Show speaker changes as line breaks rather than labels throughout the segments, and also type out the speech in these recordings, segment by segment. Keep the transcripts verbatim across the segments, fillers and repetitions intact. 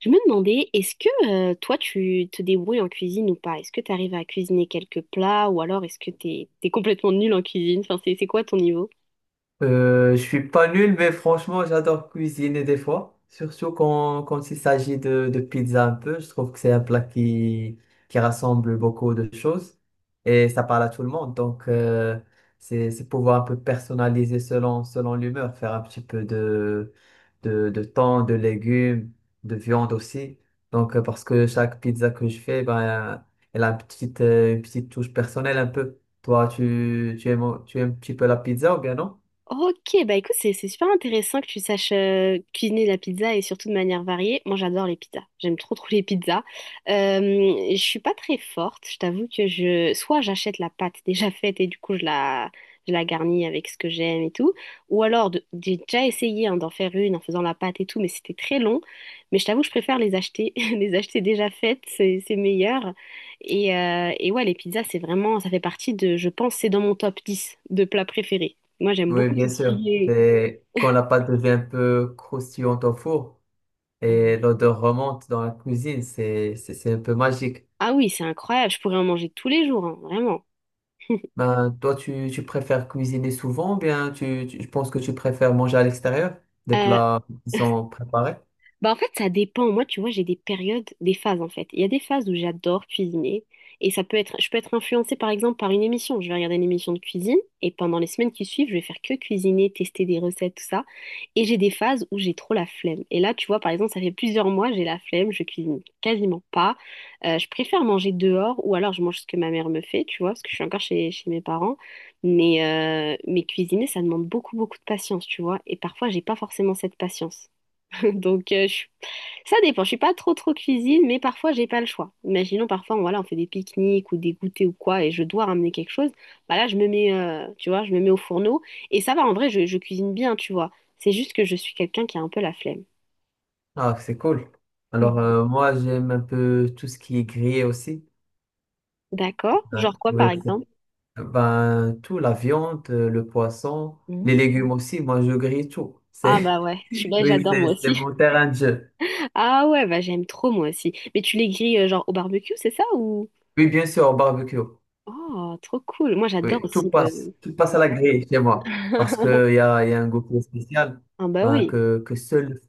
Je me demandais, est-ce que euh, toi tu te débrouilles en cuisine ou pas? Est-ce que tu arrives à cuisiner quelques plats ou alors est-ce que t'es t'es complètement nul en cuisine? Enfin, c'est c'est quoi ton niveau?
Euh, je suis pas nul, mais franchement, j'adore cuisiner des fois. Surtout quand, quand il s'agit de, de pizza un peu. Je trouve que c'est un plat qui, qui rassemble beaucoup de choses et ça parle à tout le monde. Donc, euh, c'est, c'est pouvoir un peu personnaliser selon, selon l'humeur, faire un petit peu de, de, de thon, de légumes, de viande aussi. Donc, euh, parce que chaque pizza que je fais, ben, elle a une petite, euh, une petite touche personnelle un peu. Toi, tu, tu aimes, tu aimes un petit peu la pizza ou bien non?
Ok, bah écoute, c'est c'est super intéressant que tu saches euh, cuisiner la pizza et surtout de manière variée. Moi, j'adore les pizzas. J'aime trop trop les pizzas. Euh, je suis pas très forte. Je t'avoue que je soit j'achète la pâte déjà faite et du coup je la je la garnis avec ce que j'aime et tout, ou alors de- j'ai déjà essayé hein, d'en faire une en faisant la pâte et tout, mais c'était très long. Mais je t'avoue, je préfère les acheter les acheter déjà faites, c'est c'est meilleur. Et, euh, et ouais, les pizzas, c'est vraiment ça fait partie de je pense c'est dans mon top dix de plats préférés. Moi, j'aime
Oui,
beaucoup tout
bien
ce
sûr.
qui est...
Et quand la pâte devient un peu croustillante au four et
euh,
l'odeur remonte dans la cuisine, c'est, c'est, c'est un peu magique.
Ah oui, c'est incroyable, je pourrais en manger tous les jours, hein, vraiment.
Ben, toi, tu, tu préfères cuisiner souvent ou bien tu, tu- je pense que tu préfères manger à l'extérieur des
Euh,
plats qui sont préparés?
Bah en fait, ça dépend. Moi, tu vois, j'ai des périodes, des phases en fait. Il y a des phases où j'adore cuisiner et ça peut être, je peux être influencée par exemple par une émission. Je vais regarder une émission de cuisine et pendant les semaines qui suivent, je vais faire que cuisiner, tester des recettes, tout ça. Et j'ai des phases où j'ai trop la flemme. Et là, tu vois, par exemple, ça fait plusieurs mois, j'ai la flemme, je cuisine quasiment pas. Euh, je préfère manger dehors ou alors je mange ce que ma mère me fait, tu vois, parce que je suis encore chez, chez mes parents. Mais, euh, mais cuisiner, ça demande beaucoup, beaucoup de patience, tu vois. Et parfois, j'ai pas forcément cette patience. Donc, euh, je suis ça dépend, je suis pas trop trop cuisine, mais parfois j'ai pas le choix. Imaginons parfois on, voilà, on fait des pique-niques ou des goûters ou quoi et je dois ramener quelque chose. Bah là je me mets euh, tu vois, je me mets au fourneau et ça va en vrai je, je cuisine bien, tu vois. C'est juste que je suis quelqu'un qui a un peu la flemme.
Ah, c'est cool. Alors,
Mhm.
euh, moi, j'aime un peu tout ce qui est grillé aussi.
D'accord? Genre
Ben,
quoi par
oui, c'est-
exemple?
ben, tout, la viande, euh, le poisson, les
Mhm.
légumes aussi. Moi, je grille tout.
Ah
C'est,
bah ouais, je suis là,
oui,
j'adore moi
c'est c'est
aussi.
mon terrain de jeu.
Ah ouais, bah j'aime trop moi aussi. Mais tu les grilles euh, genre au barbecue, c'est ça ou
Oui, bien sûr, au barbecue.
Oh, trop cool. Moi j'adore
Oui, tout
aussi euh,
passe. Tout passe à la grille chez moi. Parce qu'il y a, y a un goût qui est spécial
Ah bah
ben,
oui.
que, que seul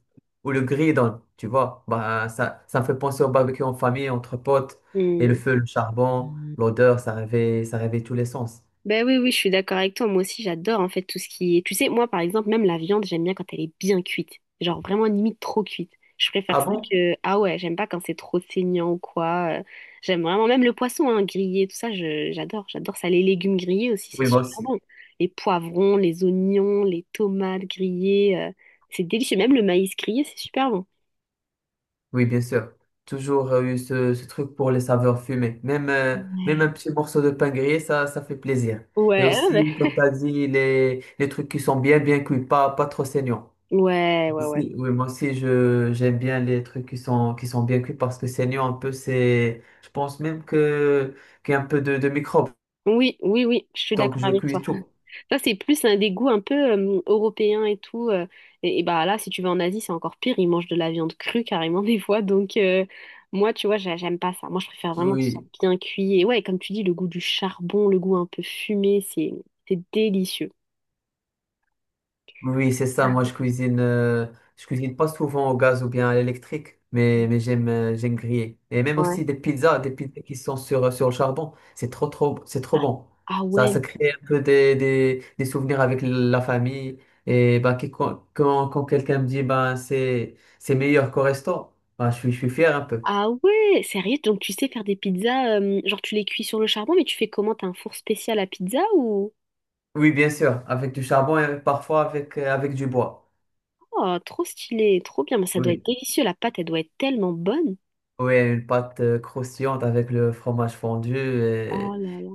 ou le grill donne. Tu vois, ben, ça, ça me fait penser au barbecue en famille, entre potes. Et le
Hmm.
feu, le charbon, l'odeur, ça réveille, ça réveille tous les sens.
Ben oui, oui, je suis d'accord avec toi. Moi aussi, j'adore en fait tout ce qui est. Tu sais, moi par exemple, même la viande, j'aime bien quand elle est bien cuite. Genre vraiment limite trop cuite. Je préfère
Ah
ça
bon?
que. Ah ouais, j'aime pas quand c'est trop saignant ou quoi. Euh, J'aime vraiment même le poisson hein, grillé, tout ça, je- j'adore. J'adore ça. Les légumes grillés aussi, c'est
Oui, moi
super
aussi.
bon. Les poivrons, les oignons, les tomates grillées, euh, c'est délicieux. Même le maïs grillé, c'est super bon.
Oui, bien sûr. Toujours euh, eu ce, ce truc pour les saveurs fumées. Même, euh, même un
Ouais.
petit morceau de pain grillé, ça, ça fait plaisir. Et
Ouais, ouais,
aussi, comme tu as dit, les, les trucs qui sont bien, bien cuits, pas, pas trop saignants.
ouais, ouais, ouais.
aussi- Oui, moi aussi, je, j'aime bien les trucs qui sont, qui sont bien cuits parce que saignant un peu, c'est, je pense même que, qu'il y a un peu de, de microbes.
Oui, oui, oui, je suis
Donc,
d'accord
je
avec
cuis
toi.
tout.
Ça, c'est plus un dégoût un peu euh, européen et tout. euh, et, et bah là, si tu vas en Asie, c'est encore pire. Ils mangent de la viande crue carrément des fois. Donc, euh, moi, tu vois, j'a- j'aime pas ça. Moi, je préfère vraiment que ce soit
Oui.
bien cuit. Et ouais, comme tu dis, le goût du charbon, le goût un peu fumé, c'est c'est délicieux.
Oui, c'est ça. Moi, je cuisine, euh, je cuisine pas souvent au gaz ou bien à l'électrique, mais, mais j'aime, euh, j'aime griller. Et même
Ouais.
aussi des pizzas, des pizzas qui sont sur, euh, sur le charbon. C'est trop, trop, c'est trop
Ah,
bon.
ah
Ça, ça
ouais.
crée un peu des, des, des souvenirs avec la famille. Et bah, qui- quand, quand, quand quelqu'un me dit, ben, c'est, c'est meilleur qu'au resto, ben, je suis, je suis fier un peu.
Ah ouais. Sérieux? Donc, tu sais faire des pizzas, euh, genre, tu les cuis sur le charbon, mais tu fais comment? T'as un four spécial à pizza ou.
Oui, bien sûr, avec du charbon et parfois avec, euh, avec du bois.
Oh, trop stylé, trop bien. Mais ça doit être
Oui.
délicieux. La pâte, elle doit être tellement bonne.
Oui, une pâte euh, croustillante avec le fromage fondu.
Oh là là.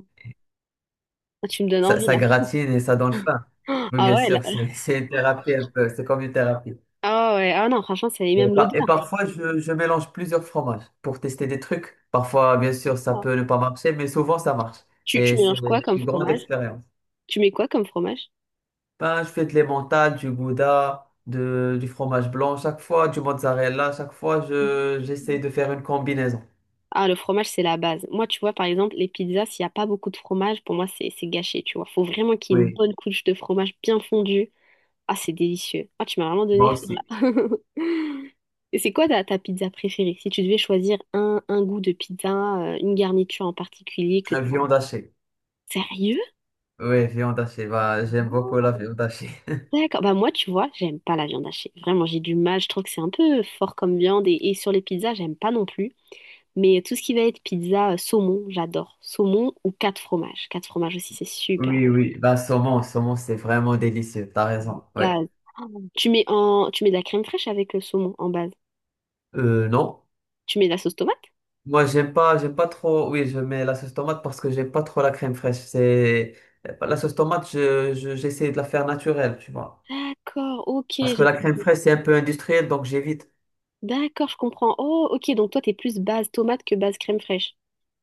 Ah, tu me donnes
Ça,
envie,
ça
là.
gratine et ça donne faim. Oui,
Ah
bien
ouais, là-
sûr, c'est c'est une thérapie un peu, c'est comme une thérapie.
ah ouais, ah non, franchement, c'est
Et,
même
par- et
l'odeur.
parfois, je, je mélange plusieurs fromages pour tester des trucs. Parfois, bien sûr, ça peut ne pas marcher, mais souvent, ça marche.
Tu, tu
Et c'est
mélanges quoi comme
une grande
fromage?
expérience.
Tu mets quoi comme fromage?
Ben, je fais de l'emmental, du gouda, de, du fromage blanc chaque fois, du mozzarella. Chaque fois,
Mhm.
je, j'essaie de faire une combinaison.
Ah, le fromage, c'est la base. Moi, tu vois, par exemple, les pizzas, s'il n'y a pas beaucoup de fromage, pour moi, c'est c'est gâché, tu vois. Faut vraiment qu'il y ait une
Oui,
bonne couche de fromage bien fondu. Ah, c'est délicieux. Ah, tu m'as vraiment donné
moi
faim,
aussi.
là. Et c'est quoi ta, ta pizza préférée? Si tu devais choisir un, un goût de pizza, euh, une garniture en particulier que
La
tu...
viande hachée.
Sérieux?
Oui, viande hachée. Bah, j'aime beaucoup la viande hachée.
D'accord. Bah moi, tu vois, j'aime pas la viande hachée. Vraiment, j'ai du mal. Je trouve que c'est un peu fort comme viande. Et, et sur les pizzas, j'aime pas non plus. Mais tout ce qui va être pizza euh, saumon, j'adore. Saumon ou quatre fromages. Quatre fromages aussi, c'est super
Oui,
bon.
oui, la saumon, saumon, c'est vraiment délicieux, t'as
En
raison, ouais.
base. Ah, Tu mets en, tu mets de la crème fraîche avec le saumon en base.
Euh, non,
Tu mets de la sauce tomate?
moi, j'aime pas, j'aime pas trop, oui, je mets la sauce tomate parce que j'aime pas trop la crème fraîche, c'est, la sauce tomate, je, je- j'essaie de la faire naturelle, tu vois.
D'accord, ok,
Parce que
j'ai
la crème
compris.
fraîche, c'est un peu industriel, donc j'évite.
D'accord, je comprends. Oh, ok, donc toi, t'es plus base tomate que base crème fraîche.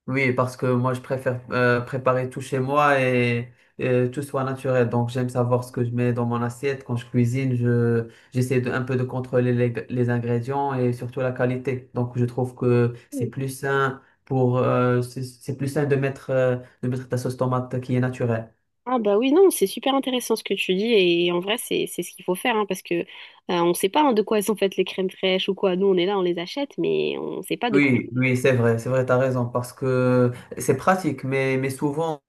Oui, parce que moi, je préfère euh, préparer tout chez moi et, et tout soit naturel. Donc, j'aime savoir ce que je mets dans mon assiette. Quand je cuisine, je, j'essaie de, un peu de contrôler les, les ingrédients et surtout la qualité. Donc, je trouve que c'est plus sain pour, euh, c'est c'est plus sain de mettre, euh, de mettre ta sauce tomate qui est naturelle.
Ah bah oui, non, c'est super intéressant ce que tu dis et en vrai c'est c'est ce qu'il faut faire hein, parce que euh, On sait pas hein, de quoi elles sont faites les crèmes fraîches ou quoi. Nous on est là, on les achète mais on sait pas de quoi.
Oui, oui, c'est vrai, c'est vrai, t'as raison, parce que c'est pratique, mais, mais souvent,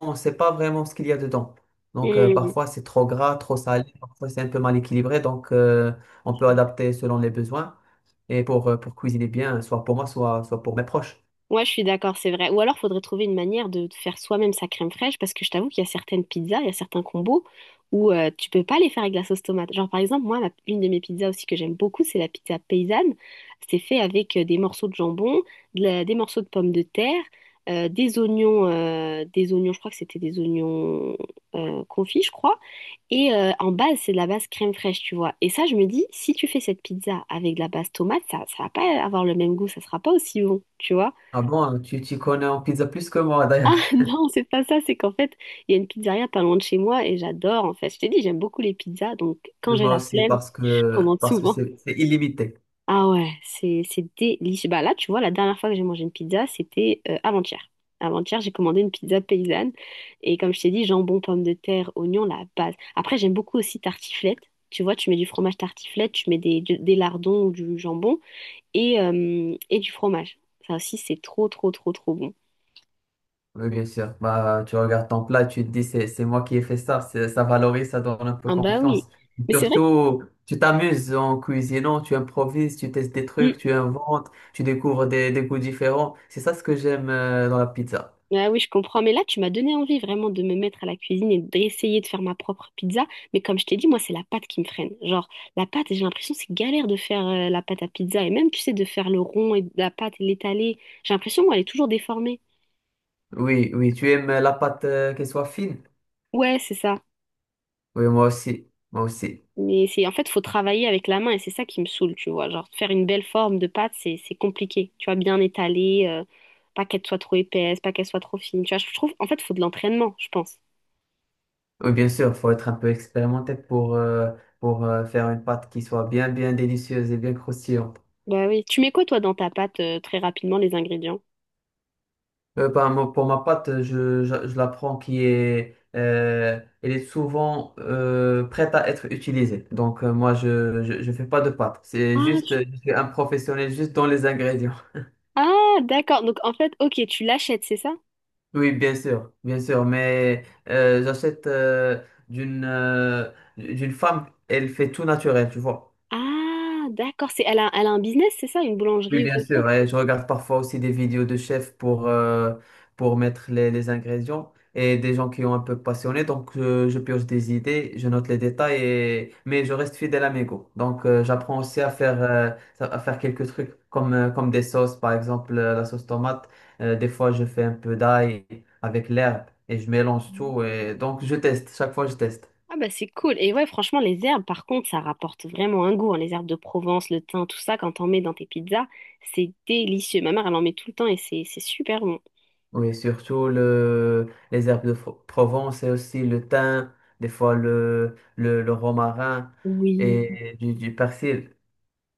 on ne sait pas vraiment ce qu'il y a dedans. Donc euh, parfois c'est trop gras, trop salé, parfois c'est un peu mal équilibré, donc euh, on peut adapter selon les besoins et pour, euh, pour cuisiner bien, soit pour moi, soit, soit pour mes proches.
Ouais, je suis d'accord, c'est vrai. Ou alors, faudrait trouver une manière de faire soi-même sa crème fraîche, parce que je t'avoue qu'il y a certaines pizzas, il y a certains combos où euh, tu peux pas les faire avec la sauce tomate. Genre, par exemple, moi, ma- une de mes pizzas aussi que j'aime beaucoup, c'est la pizza paysanne. C'est fait avec euh, des morceaux de jambon, de la- des morceaux de pommes de terre, euh, des oignons, euh, des oignons, je crois que c'était des oignons euh, confits, je crois. Et euh, en base, c'est de la base crème fraîche, tu vois. Et ça, je me dis, si tu fais cette pizza avec de la base tomate, ça, ça va pas avoir le même goût, ça sera pas aussi bon, tu vois.
Ah bon, tu, tu connais en pizza plus que moi d'ailleurs,
Ah non, c'est pas ça, c'est qu'en fait, il y a une pizzeria pas loin de chez moi et j'adore en fait. Je t'ai dit, j'aime beaucoup les pizzas, donc quand
mais
j'ai
moi
la
aussi
flemme,
parce
je
que
commande
parce que
souvent.
c'est c'est illimité.
Ah ouais, c'est c'est délicieux. Bah là, tu vois, la dernière fois que j'ai mangé une pizza, c'était euh, avant-hier. Avant-hier, j'ai commandé une pizza paysanne et comme je t'ai dit, jambon, pommes de terre, oignons, la base. Après, j'aime beaucoup aussi tartiflette. Tu vois, tu mets du fromage tartiflette, tu mets des, du- des lardons ou du jambon et, euh, et du fromage. Ça aussi, c'est trop, trop, trop, trop bon.
Oui, bien sûr. Bah, tu regardes ton plat, tu te dis, c'est, c'est moi qui ai fait ça. C'est- Ça valorise, ça donne un peu
Ah bah oui.
confiance.
Mais c'est vrai que...
Surtout, tu t'amuses en cuisinant, tu improvises, tu testes des trucs, tu inventes, tu découvres des, des goûts différents. C'est ça ce que j'aime euh, dans la pizza.
Ah oui, je comprends. Mais là, tu m'as donné envie vraiment de me mettre à la cuisine et d'essayer de faire ma propre pizza. Mais comme je t'ai dit, moi, c'est la pâte qui me freine. Genre, la pâte, j'ai l'impression que c'est galère de faire euh, la pâte à pizza. Et même, tu sais, de faire le rond et de la pâte et l'étaler. J'ai l'impression, moi, elle est toujours déformée.
Oui, oui, tu aimes la pâte euh, qu'elle soit fine?
Ouais, c'est ça.
Oui, moi aussi. Moi aussi.
Mais c'est en fait, faut travailler avec la main et c'est ça qui me saoule, tu vois. Genre, faire une belle forme de pâte, c'est c'est compliqué. Tu vois, bien étaler, euh, pas qu'elle soit trop épaisse, pas qu'elle soit trop fine. Tu vois, je trouve, en fait, faut de l'entraînement, je pense.
Oui, bien sûr, faut être un peu expérimenté pour, euh, pour euh, faire une pâte qui soit bien, bien délicieuse et bien croustillante.
Bah oui. Tu mets quoi, toi, dans ta pâte, euh, très rapidement, les ingrédients?
Euh, bah, moi, pour ma pâte, je, je, je la prends qui est, euh, elle est souvent euh, prête à être utilisée. Donc, euh, moi, je, je, je fais pas de pâte. C'est
Ah,
juste,
tu-
euh, je suis un professionnel juste dans les ingrédients.
ah, d'accord. Donc en fait, ok, tu l'achètes, c'est ça?
Oui, bien sûr, bien sûr. Mais euh, j'achète euh, d'une euh, d'une femme, elle fait tout naturel, tu vois.
Ah, d'accord. C'est, elle a, elle a un business, c'est ça? Une
Oui,
boulangerie ou
bien
quelque chose?
sûr. Et je regarde parfois aussi des vidéos de chefs pour, euh, pour mettre les, les ingrédients et des gens qui ont un peu passionné. Donc, euh, je pioche des idées, je note les détails, et mais je reste fidèle à mes goûts. Donc, euh, j'apprends aussi à faire, euh, à faire quelques trucs comme, euh, comme des sauces, par exemple euh, la sauce tomate. Euh, des fois, je fais un peu d'ail avec l'herbe et je mélange tout. Et... Donc, je teste. Chaque fois, je teste.
Ah bah c'est cool. Et ouais, franchement, les herbes, par contre, ça rapporte vraiment un goût. hein. Les herbes de Provence, le thym, tout ça, quand t'en mets dans tes pizzas, c'est délicieux. Ma mère, elle en met tout le temps et c'est c'est super bon.
Oui, surtout le, les herbes de Fro- Provence et aussi le thym, des fois le, le, le romarin
Oui.
et du, du persil.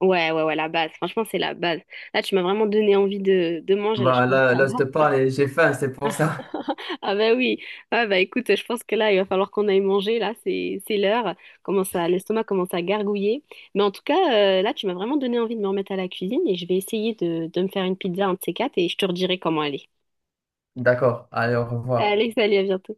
Ouais, ouais, ouais, la base. Franchement, c'est la base. Là, tu m'as vraiment donné envie de, de manger. Là, je commence
Voilà,
à
là, je
avoir.
te parle et j'ai faim, c'est pour ça.
Ah bah oui, ah bah écoute, je pense que là, il va falloir qu'on aille manger, là, c'est c'est l'heure, commence à, l'estomac commence à gargouiller. Mais en tout cas, euh, là, tu m'as vraiment donné envie de me remettre à la cuisine et je vais essayer de, de me faire une pizza, un de ces quatre, et je te redirai comment elle est.
D'accord, allez, au revoir.
Allez, salut, à bientôt.